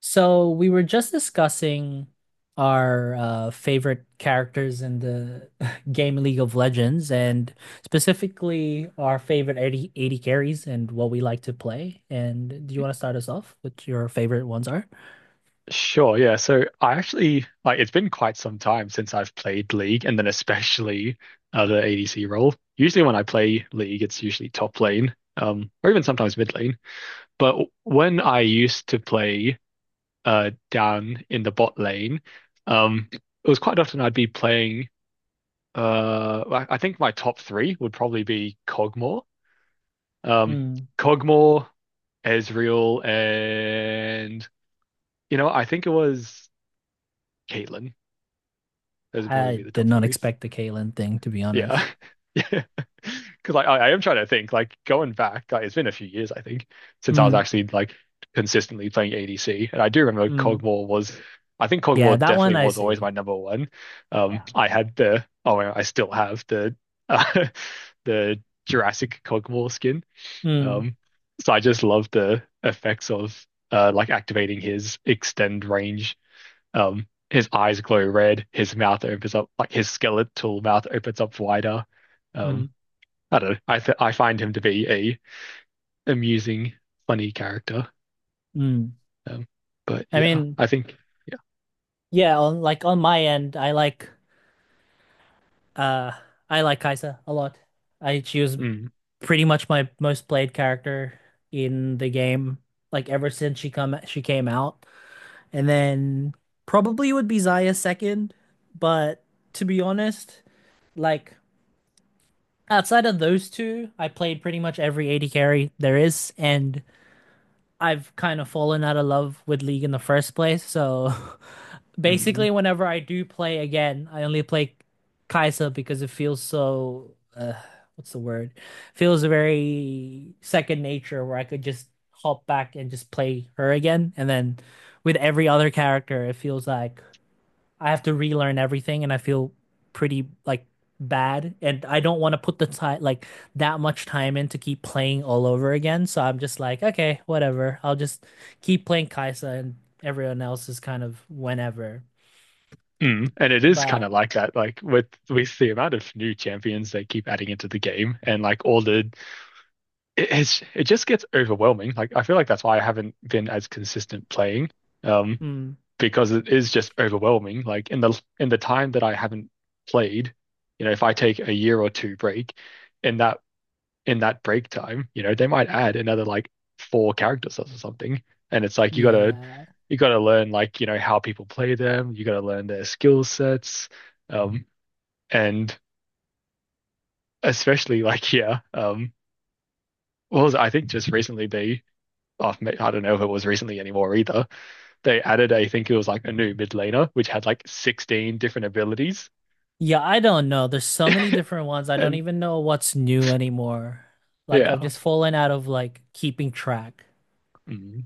So we were just discussing our favorite characters in the game League of Legends, and specifically our favorite eighty carries and what we like to play. And do you want to start us off? What your favorite ones are? Sure, yeah. So I actually it's been quite some time since I've played League and then especially the ADC role. Usually when I play League, it's usually top lane, or even sometimes mid lane. But when I used to play down in the bot lane, it was quite often I'd be playing I think my top three would probably be Kog'Maw. Um Hmm. Kog'Maw, Ezreal, and I think it was Caitlyn. Those would probably be I the did top not three. expect the Caitlyn thing, to be honest. Yeah. Yeah. Because like I am trying to think, like going back, like it's been a few years, I think, since I was Mm, actually like consistently playing ADC. And I do remember mm. Cogmore was I think Yeah, Cogmore that one definitely I was always see. my number one. Yeah. I had the oh I still have the uh, the Jurassic Cogmore skin. Mm, Um so I just love the effects of like activating his extend range, his eyes glow red, his mouth opens up, like his skeletal mouth opens up wider. mm, Um, I don't know. I find him to be a amusing, funny character. mm. Um, but I yeah, mean, I think yeah. yeah, on, like on my end, Uh, I like Kai'Sa a lot. I she was Mm, pretty much my most played character in the game, like ever since she came out. And then probably would be Xayah second, but to be honest, like outside of those two, I played pretty much every AD carry there is, and I've kind of fallen out of love with League in the first place, so mm, basically whenever I do play again, I only play Kai'Sa because it feels so, what's the word? Feels very second nature where I could just hop back and just play her again. And then with every other character, it feels like I have to relearn everything and I feel pretty, like, bad, and I don't want to put the time like that much time in to keep playing all over again. So I'm just like, okay, whatever. I'll just keep playing Kai'Sa and everyone else is kind of whenever. mm. And it is kind But of like that, like with the amount of new champions they keep adding into the game, and like all the it just gets overwhelming. Like I feel like that's why I haven't been as consistent playing. Um, mm, because it is just overwhelming. Like in the time that I haven't played, you know, if I take a year or two break, in that in that break time, you know, they might add another like four character sets or something. And it's like yeah. you gotta learn, like, you know, how people play them, you gotta learn their skill sets. Um and Especially like yeah, what was it? I think just recently oh, I don't know if it was recently anymore either. They added, I think it was like a new mid laner, which had like 16 different abilities. Yeah, I don't know. There's so many different ones. I don't And even know what's new anymore. Like I've yeah. just fallen out of, like, keeping track. Mm,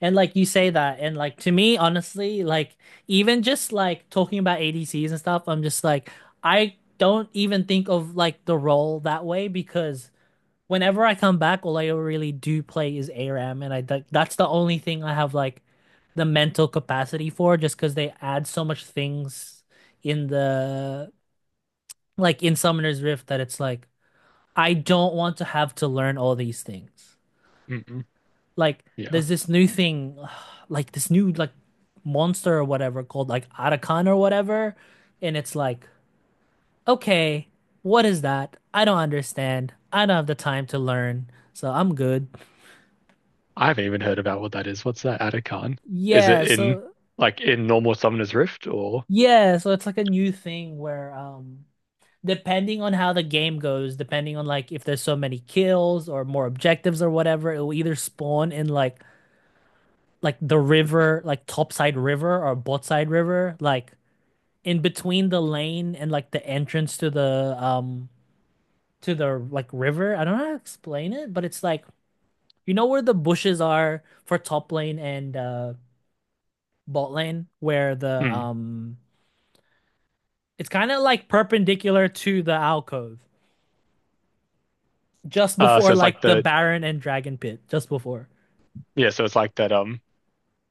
And like you say that, and like to me, honestly, like even just like talking about ADCs and stuff, I'm just like I don't even think of like the role that way because whenever I come back, all I really do play is ARAM, and that's the only thing I have like the mental capacity for, just because they add so much things in the like in Summoner's Rift that it's like I don't want to have to learn all these things. mm, Like yeah. there's this new thing, like this new like monster or whatever called like Arakan or whatever, and it's like okay, what is that? I don't understand. I don't have the time to learn, so I'm good. I haven't even heard about what that is. What's that Atacon? Is it Yeah, in so like in normal Summoner's Rift or yeah, so it's like a new thing where depending on how the game goes, depending on like if there's so many kills or more objectives or whatever, it will either spawn in like the river, like topside river or bot side river, like in between the lane and like the entrance to the, to the, like, river. I don't know how to explain it, but it's like you know where the bushes are for top lane and bot lane where the mm. It's kind of like perpendicular to the alcove, just so before it's like like the the Baron and Dragon Pit, just before. yeah, so it's like that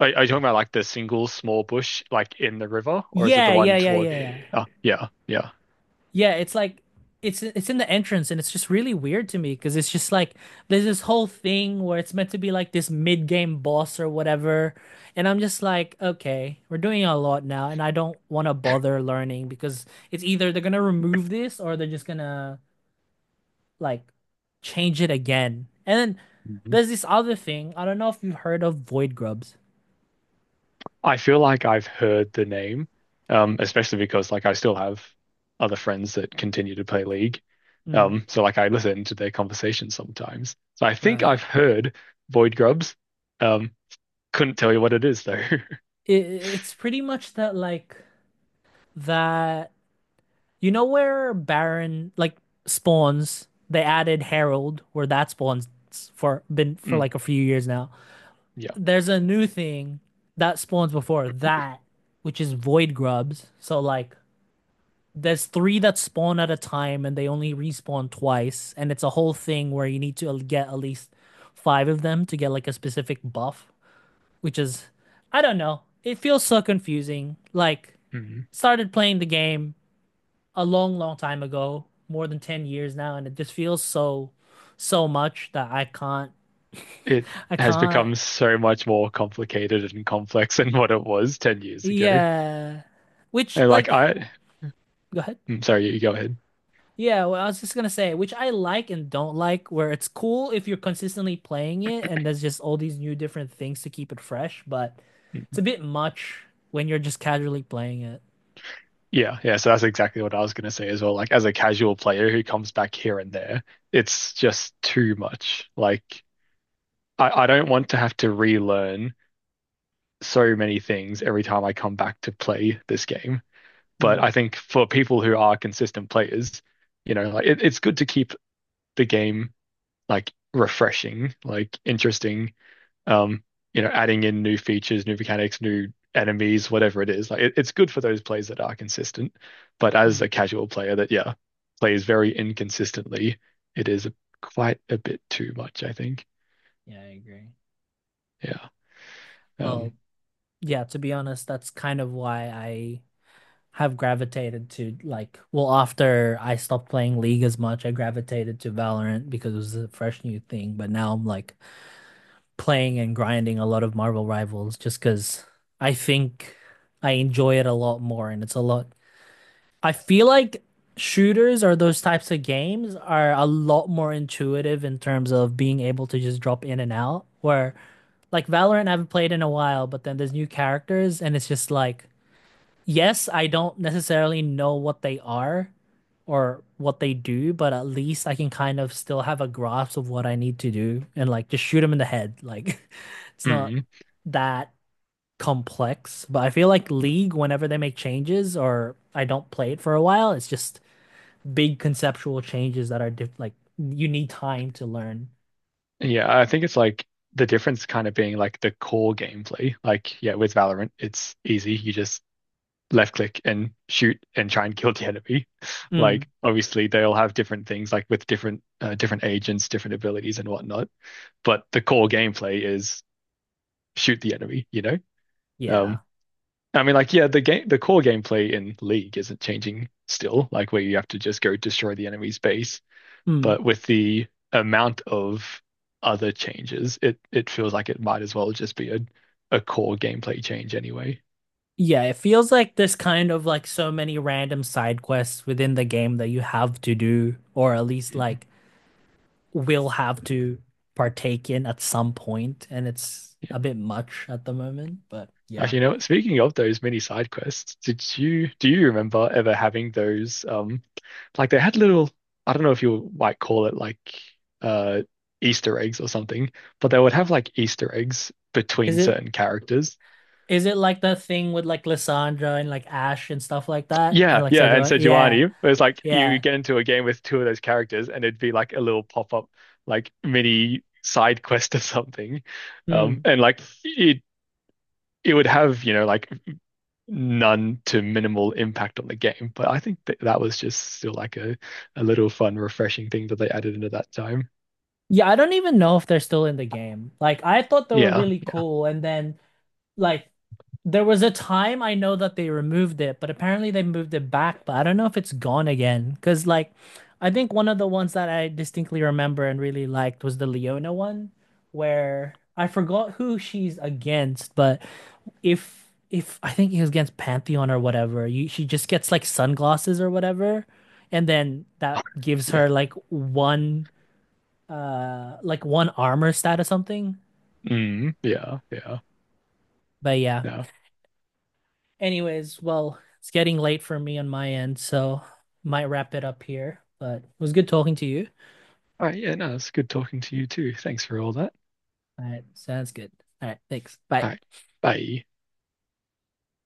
are you talking about like the single small bush like in the river or is it the Yeah, yeah, one yeah, yeah, toward yeah. oh yeah, yeah. Yeah, it's like it's in the entrance and it's just really weird to me because it's just like there's this whole thing where it's meant to be like this mid-game boss or whatever, and I'm just like okay, we're doing a lot now, and I don't want to bother learning because it's either they're gonna remove this or they're just gonna, like, change it again. And then Mm-hmm. there's this other thing. I don't know if you've heard of void grubs. I feel like I've heard the name, especially because like I still have other friends that continue to play League. Mm. So like I listen to their conversations sometimes. So I think Right? I've heard Void Grubs. Um, couldn't tell you what it is though. It's pretty much that, like, that you know where Baron like spawns, they added Herald where that spawns for Mm, like a few years now. yeah. There's a new thing that spawns before that, which is void grubs. So like there's three that spawn at a time and they only respawn twice, and it's a whole thing where you need to get at least five of them to get like a specific buff, which is, I don't know. It feels so confusing. Like Mm. started playing the game a long, long time ago, more than 10 years now, and it just feels so much that I can't, It I has can't become so much more complicated and complex than what it was 10 years ago. Yeah. Which, And like, like I, go ahead. mm, sorry, you go ahead. Yeah, well, I was just gonna say, which I like and don't like, where it's cool if you're consistently playing it and there's just all these new different things to keep it fresh, but it's a bit much when you're just casually playing it. Yeah, yeah. So that's exactly what I was going to say as well. Like, as a casual player who comes back here and there, it's just too much. Like, I don't want to have to relearn so many things every time I come back to play this game. But I Mm, think for people who are consistent players, like it's good to keep the game like refreshing, like interesting, um, adding in new features, new mechanics, new enemies, whatever it is. Like it's good for those plays that are consistent. But as mm. a casual player that, yeah, plays very inconsistently, it is quite a bit too much, I think. Yeah, I agree. Yeah. Um, Well, yeah, to be honest, that's kind of why I have gravitated to like, well, after I stopped playing League as much, I gravitated to Valorant because it was a fresh new thing, but now I'm like playing and grinding a lot of Marvel Rivals just because I think I enjoy it a lot more and it's a lot. I feel like shooters or those types of games are a lot more intuitive in terms of being able to just drop in and out. Where like Valorant, I haven't played in a while, but then there's new characters and it's just like, yes, I don't necessarily know what they are or what they do, but at least I can kind of still have a grasp of what I need to do and like just shoot them in the head. Like, it's not mm. that complex, but I feel like League, whenever they make changes or I don't play it for a while, it's just big conceptual changes that are diff like you need time to learn. Yeah, I think it's like the difference kind of being like the core gameplay. Like, yeah, with Valorant, it's easy. You just left click and shoot and try and kill the enemy. Mm. Like, obviously, they all have different things, like with different different agents, different abilities, and whatnot. But the core gameplay is shoot the enemy, you know? Yeah. Um, I mean, like, yeah, the core gameplay in League isn't changing still, like where you have to just go destroy the enemy's base. Mm. But with the amount of other changes, it feels like it might as well just be a core gameplay change anyway. Yeah, it feels like there's kind of like so many random side quests within the game that you have to do, or at least, Mm-hmm. like, will have to partake in at some point, and it's a bit much at the moment, but yeah. Actually, you know what? Speaking of those mini side quests, did you do you remember ever having those? Like they had I don't know if you might call it like uh Easter eggs or something, but they would have like Easter eggs Is between it, certain characters. Like the thing with like Lissandra and like Ash and stuff like that? And Yeah, like yeah, and Sejuani? Yeah, Sejuani, it was like you yeah. get into a game with two of those characters, and it'd be like a little pop up, like mini side quest or something, Hmm. and like it would have, you know, like none to minimal impact on the game. But I think that that was just still like a little fun, refreshing thing that they added into that time. Yeah, I don't even know if they're still in the game. Like I thought they were Yeah, really yeah, cool, and then, like, there was a time I know that they removed it, but apparently they moved it back, but I don't know if it's gone again. Because, like, I think one of the ones that I distinctly remember and really liked was the Leona one, where I forgot who she's against, but if if I think it was against Pantheon or whatever, she just gets like sunglasses or whatever, and then that gives yeah. her like one armor stat or something. Mm, yeah, yeah, But yeah. yeah. Anyways, well, it's getting late for me on my end, so might wrap it up here. But it was good talking to you. All right, yeah, no, it's good talking to you too. Thanks for all that. All right, sounds good. All right, thanks. Bye. All right, bye.